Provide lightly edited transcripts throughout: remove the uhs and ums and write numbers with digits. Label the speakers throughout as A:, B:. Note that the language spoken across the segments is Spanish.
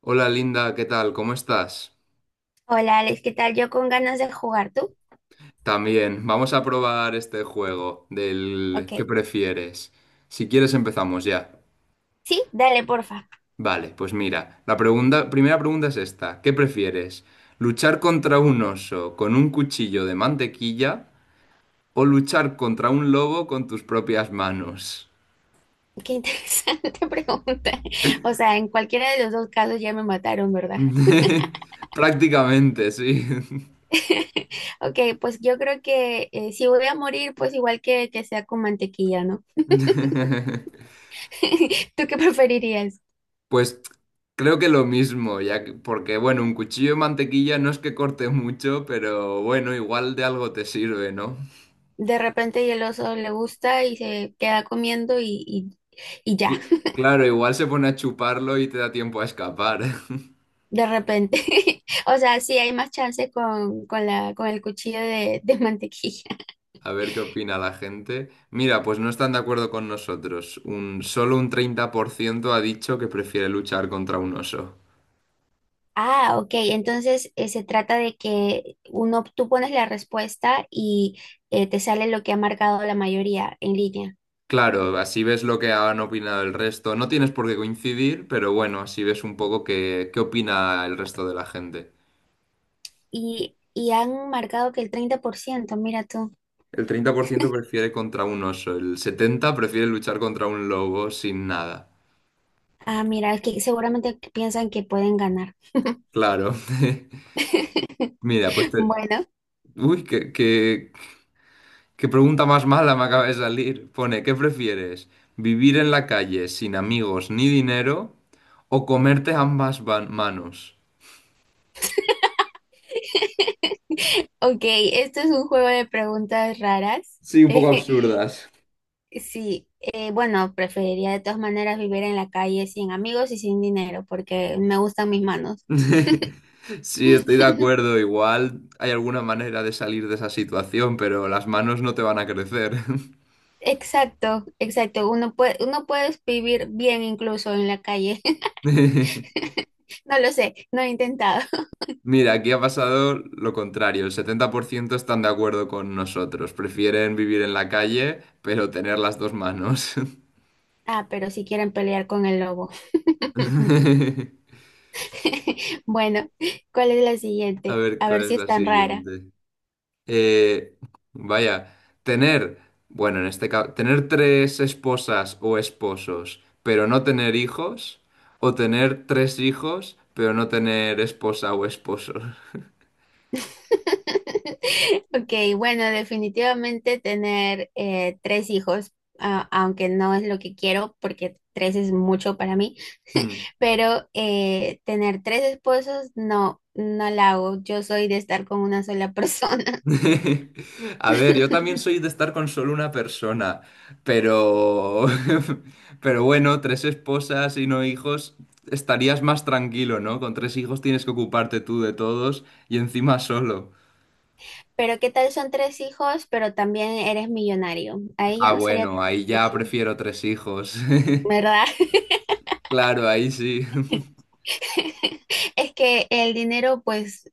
A: Hola Linda, ¿qué tal? ¿Cómo estás?
B: Hola Alex, ¿qué tal? Yo con ganas de jugar, ¿tú?
A: También, vamos a probar este juego del ¿qué
B: Ok.
A: prefieres? Si quieres empezamos ya.
B: Sí, dale, porfa.
A: Vale, pues mira, primera pregunta es esta. ¿Qué prefieres? ¿Luchar contra un oso con un cuchillo de mantequilla o luchar contra un lobo con tus propias manos?
B: Qué interesante pregunta. O sea, en cualquiera de los dos casos ya me mataron, ¿verdad?
A: Prácticamente, sí.
B: Ok, pues yo creo que si voy a morir, pues igual que sea con mantequilla, ¿no? ¿Tú qué preferirías?
A: Pues creo que lo mismo, porque bueno, un cuchillo de mantequilla no es que corte mucho, pero bueno, igual de algo te sirve, ¿no?
B: De repente y el oso le gusta y se queda comiendo y ya,
A: Claro, igual se pone a chuparlo y te da tiempo a escapar.
B: de repente. O sea, sí hay más chance con el cuchillo de mantequilla.
A: A ver qué opina la gente. Mira, pues no están de acuerdo con nosotros. Solo un 30% ha dicho que prefiere luchar contra un oso.
B: Ah, ok. Entonces se trata de que uno, tú pones la respuesta y te sale lo que ha marcado la mayoría en línea.
A: Claro, así ves lo que han opinado el resto. No tienes por qué coincidir, pero bueno, así ves un poco qué opina el resto de la gente.
B: Y han marcado que el 30%, mira tú.
A: El 30% prefiere contra un oso, el 70% prefiere luchar contra un lobo sin nada.
B: Ah, mira, es que seguramente piensan que pueden ganar.
A: Claro. Mira,
B: Bueno,
A: Uy, qué pregunta más mala me acaba de salir. Pone, ¿qué prefieres? ¿Vivir en la calle sin amigos ni dinero o comerte ambas manos?
B: ok, esto es un juego de preguntas raras.
A: Sí, un poco absurdas.
B: Sí, bueno, preferiría de todas maneras vivir en la calle sin amigos y sin dinero porque me gustan mis manos.
A: Sí, estoy de acuerdo. Igual hay alguna manera de salir de esa situación, pero las manos no te van a crecer.
B: Exacto, exacto. Uno puede vivir bien incluso en la calle. No lo sé, no he intentado.
A: Mira, aquí ha pasado lo contrario. El 70% están de acuerdo con nosotros. Prefieren vivir en la calle, pero tener las dos manos.
B: Ah, pero si quieren pelear con el lobo. Bueno, ¿cuál es la
A: A
B: siguiente?
A: ver,
B: A ver
A: ¿cuál es
B: si es
A: la
B: tan rara.
A: siguiente? Eh, Vaya, tener, bueno, en este caso, tener tres esposas o esposos, pero no tener hijos, o tener tres hijos, pero no tener esposa o esposo.
B: Ok, bueno, definitivamente tener tres hijos, aunque no es lo que quiero, porque tres es mucho para mí, pero tener tres esposos, no, no la hago. Yo soy de estar con una sola persona.
A: A ver, yo también soy de estar con solo una persona, pero, pero bueno, tres esposas y no hijos, estarías más tranquilo, ¿no? Con tres hijos tienes que ocuparte tú de todos y encima solo.
B: Pero ¿qué tal son tres hijos, pero también eres millonario? Ahí ya
A: Ah,
B: no sería
A: bueno,
B: tan
A: ahí ya
B: difícil,
A: prefiero tres hijos.
B: ¿verdad?
A: Claro, ahí sí.
B: Es que el dinero pues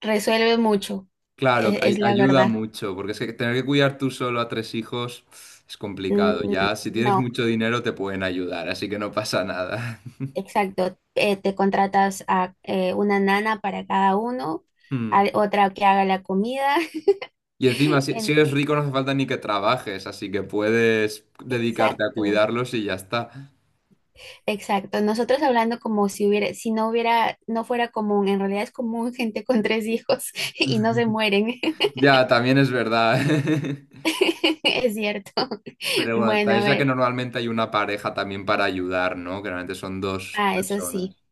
B: resuelve mucho,
A: Claro,
B: es, la
A: ayuda
B: verdad.
A: mucho, porque es que tener que cuidar tú solo a tres hijos es
B: Mm,
A: complicado. Ya, si tienes
B: no,
A: mucho dinero te pueden ayudar, así que no pasa nada.
B: exacto. Te contratas a una nana para cada uno, a otra que haga la comida.
A: Y encima, si eres
B: Entonces,
A: rico no hace falta ni que trabajes, así que puedes dedicarte a
B: exacto,
A: cuidarlos y ya está.
B: exacto. Nosotros hablando como si hubiera, si no hubiera, no fuera común, en realidad es común gente con tres hijos y no se mueren.
A: Ya, también es verdad.
B: Es cierto.
A: Pero bueno,
B: Bueno, a
A: también ya que
B: ver.
A: normalmente hay una pareja también para ayudar, ¿no? Que normalmente son dos
B: Ah, eso sí,
A: personas.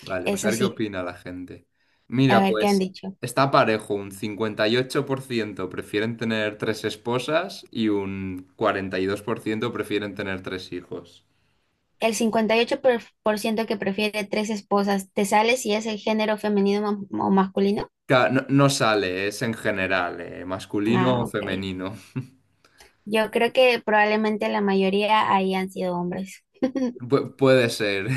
A: Vale, pues a
B: eso
A: ver qué
B: sí.
A: opina la gente.
B: A
A: Mira,
B: ver, ¿qué han
A: pues
B: dicho?
A: está parejo, un 58% prefieren tener tres esposas y un 42% prefieren tener tres hijos.
B: El cincuenta y ocho por ciento que prefiere tres esposas, ¿te sale si es el género femenino, o masculino?
A: No, no sale, es en general, masculino
B: Ah,
A: o
B: ok.
A: femenino.
B: Yo creo que probablemente la mayoría ahí han sido hombres.
A: Puede ser,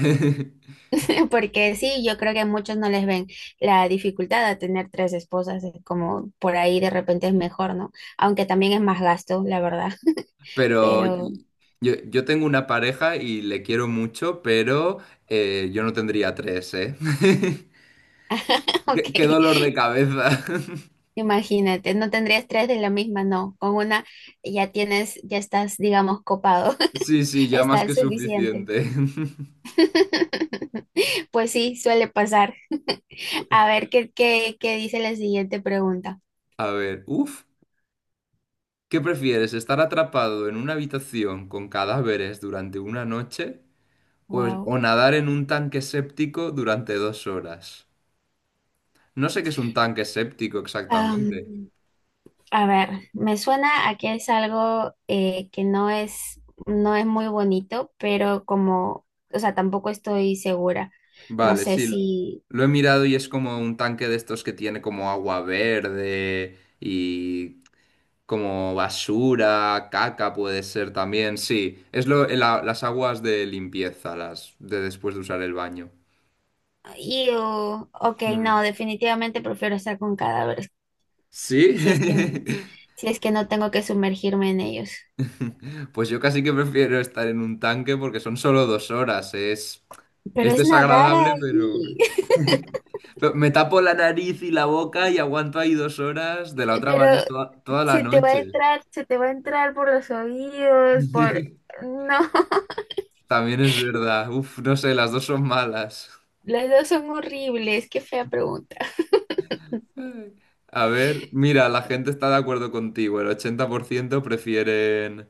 B: Porque sí, yo creo que muchos no les ven la dificultad de tener tres esposas, es como por ahí de repente es mejor, ¿no? Aunque también es más gasto, la verdad.
A: pero bueno.
B: Pero,
A: Yo tengo una pareja y le quiero mucho, pero yo no tendría tres, ¿eh?
B: ok.
A: Qué dolor de cabeza.
B: Imagínate, no tendrías tres de la misma, no. Con una ya tienes, ya estás, digamos, copado.
A: Sí, sí, ya más
B: Está
A: que
B: suficiente.
A: suficiente.
B: Pues sí, suele pasar. A ver qué dice la siguiente pregunta.
A: A ver, uff, ¿qué prefieres? ¿Estar atrapado en una habitación con cadáveres durante una noche o,
B: Wow.
A: nadar en un tanque séptico durante 2 horas? No sé qué es un tanque séptico exactamente.
B: Am, a ver, me suena a que es algo que no es muy bonito, pero como, o sea, tampoco estoy segura. No
A: Vale,
B: sé
A: sí,
B: si.
A: lo he mirado y es como un tanque de estos que tiene como agua verde y como basura, caca puede ser también, sí, las aguas de limpieza, las de después de usar el baño.
B: Ew, ok,
A: Mm.
B: no, definitivamente prefiero estar con cadáveres.
A: ¿Sí?
B: si es que, si es que no tengo que sumergirme en ellos.
A: Pues yo casi que prefiero estar en un tanque porque son solo 2 horas, es,
B: Pero
A: es
B: es nadar
A: desagradable, pero.
B: ahí.
A: Pero me tapo la nariz y la boca y aguanto ahí 2 horas, de la otra
B: Pero
A: manera toda la noche.
B: se te va a entrar por los oídos, por. No,
A: También es verdad. Uf, no sé, las dos son malas.
B: las dos son horribles, qué fea pregunta.
A: A ver, mira, la gente está de acuerdo contigo. El 80% prefieren,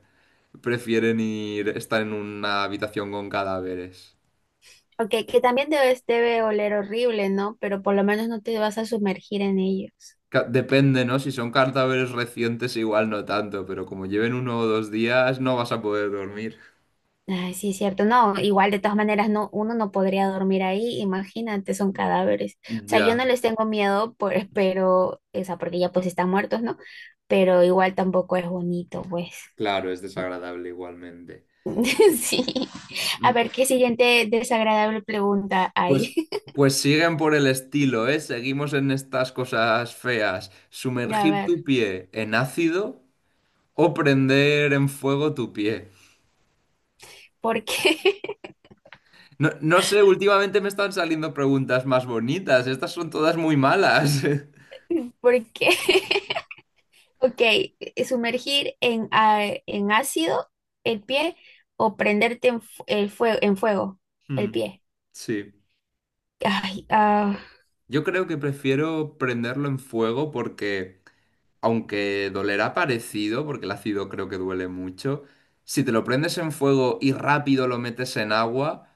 A: prefieren estar en una habitación con cadáveres.
B: Ok, que también debe oler horrible, ¿no? Pero por lo menos no te vas a sumergir en ellos.
A: Depende, ¿no? Si son cadáveres recientes, igual no tanto, pero como lleven 1 o 2 días, no vas a poder dormir.
B: Ay, sí, es cierto. No, igual de todas maneras no, uno no podría dormir ahí, imagínate, son cadáveres. O sea, yo no
A: Ya,
B: les tengo miedo, pero, o sea, porque ya pues están muertos, ¿no? Pero igual tampoco es bonito, pues.
A: claro, es desagradable igualmente.
B: Sí. A ver, ¿qué siguiente desagradable pregunta
A: Pues,
B: hay?
A: pues siguen por el estilo, ¿eh? Seguimos en estas cosas feas.
B: A
A: Sumergir
B: ver,
A: tu pie en ácido o prender en fuego tu pie.
B: ¿por qué?
A: No, no sé, últimamente me están saliendo preguntas más bonitas. Estas son todas muy malas.
B: ¿Por qué? Ok, sumergir en ácido el pie o prenderte en fuego el
A: Hmm.
B: pie.
A: Sí.
B: Ay,
A: Yo creo que prefiero prenderlo en fuego porque, aunque dolerá parecido, porque el ácido creo que duele mucho, si te lo prendes en fuego y rápido lo metes en agua,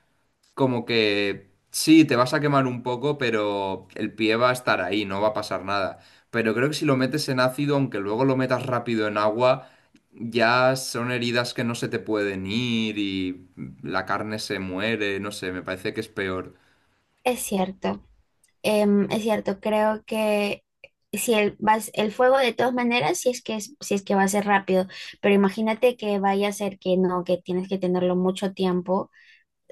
A: como que sí, te vas a quemar un poco, pero el pie va a estar ahí, no va a pasar nada. Pero creo que si lo metes en ácido, aunque luego lo metas rápido en agua, ya son heridas que no se te pueden ir y la carne se muere, no sé, me parece que es peor.
B: es cierto, es cierto, creo que si el, vas, el fuego de todas maneras, si es que va a ser rápido, pero imagínate que vaya a ser que no, que tienes que tenerlo mucho tiempo,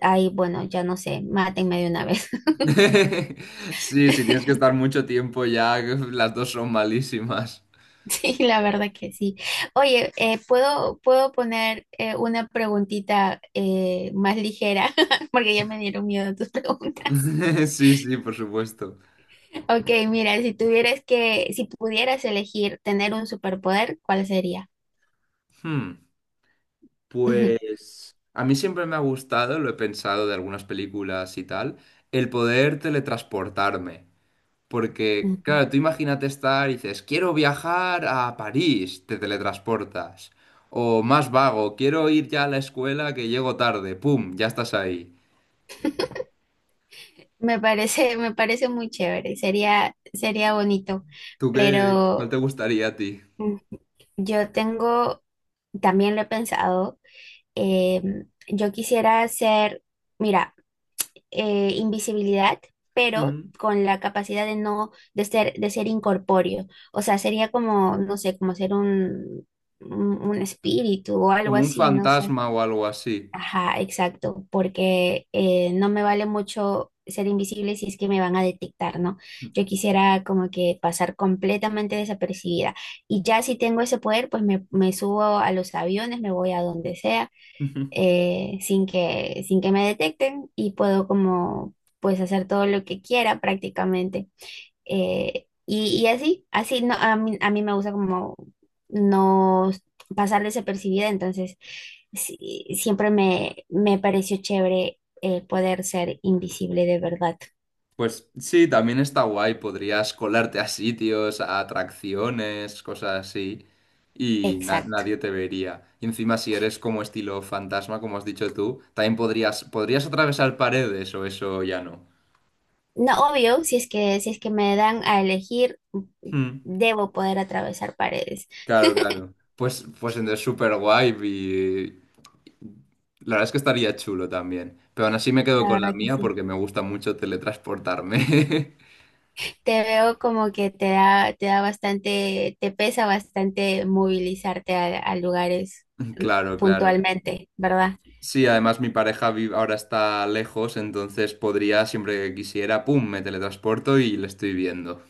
B: ahí bueno, ya no sé, mátenme de una vez.
A: Sí, si tienes que estar mucho tiempo ya, las dos son malísimas.
B: Sí, la verdad que sí. Oye, ¿puedo poner una preguntita más ligera? Porque ya me dieron miedo tus preguntas.
A: Sí, sí, por supuesto.
B: Ok, mira, si pudieras elegir tener un superpoder, ¿cuál sería?
A: Hmm. Pues a mí siempre me ha gustado, lo he pensado de algunas películas y tal, el poder teletransportarme. Porque,
B: Ujú.
A: claro, tú imagínate estar y dices, quiero viajar a París, te teletransportas. O más vago, quiero ir ya a la escuela que llego tarde, ¡pum! Ya estás ahí.
B: Me parece muy chévere, sería bonito,
A: ¿Tú qué? ¿Cuál
B: pero
A: te gustaría a ti?
B: mm, yo tengo, también lo he pensado, eh, yo quisiera hacer, mira, invisibilidad, pero
A: Mm,
B: con la capacidad de no, de ser incorpóreo. O sea, sería como, no sé, como ser un espíritu o algo
A: Como un
B: así, no sé.
A: fantasma o algo así.
B: Ajá, exacto, porque no me vale mucho ser invisible si es que me van a detectar, ¿no? Yo quisiera como que pasar completamente desapercibida. Y ya si tengo ese poder, pues me subo a los aviones, me voy a donde sea, sin que me detecten y puedo como, pues hacer todo lo que quiera prácticamente. Y así no, a mí me gusta como no pasar desapercibida, entonces sí, siempre me pareció chévere poder ser invisible de verdad.
A: Pues sí, también está guay, podrías colarte a sitios, a atracciones, cosas así, y
B: Exacto.
A: nadie te vería. Y encima si eres como estilo fantasma, como has dicho tú, también podrías, atravesar paredes o eso ya no.
B: No, obvio, si es que me dan a elegir,
A: Hmm,
B: debo poder atravesar paredes.
A: claro, claro. Pues entonces súper guay y la verdad es que estaría chulo también. Pero aún así me quedo
B: La
A: con la
B: verdad que
A: mía
B: sí.
A: porque me gusta mucho teletransportarme.
B: Te veo como que te pesa bastante movilizarte a lugares
A: Claro, claro.
B: puntualmente, ¿verdad?
A: Sí, además mi pareja ahora está lejos, entonces podría, siempre que quisiera, ¡pum!, me teletransporto y le estoy viendo.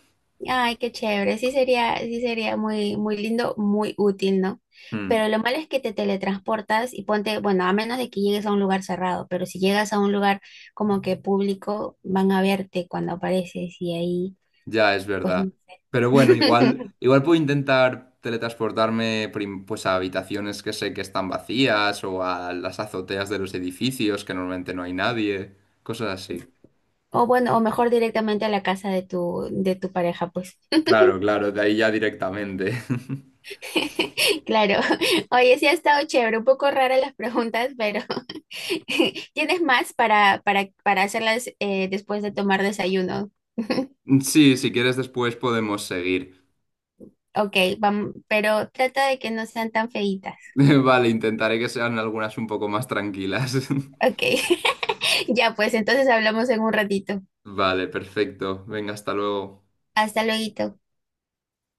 B: Ay, qué chévere. Sí sería muy, muy lindo, muy útil, ¿no?
A: Hmm,
B: Pero lo malo es que te teletransportas y ponte, bueno, a menos de que llegues a un lugar cerrado, pero si llegas a un lugar como que público, van a verte cuando apareces y ahí,
A: ya es
B: pues
A: verdad.
B: no sé.
A: Pero bueno, igual puedo intentar teletransportarme pues a habitaciones que sé que están vacías o a las azoteas de los edificios que normalmente no hay nadie, cosas así.
B: O bueno, o mejor directamente a la casa de tu pareja, pues.
A: Claro, claro, de ahí ya directamente.
B: Claro. Oye, sí ha estado chévere, un poco raras las preguntas, pero ¿tienes más para hacerlas después de tomar desayuno?
A: Sí, si quieres después podemos seguir.
B: Ok, vamos, pero trata de que no sean tan feitas.
A: Vale, intentaré que sean algunas un poco más tranquilas.
B: Ok, ya pues entonces hablamos en un ratito.
A: Vale, perfecto. Venga, hasta luego.
B: Hasta luego.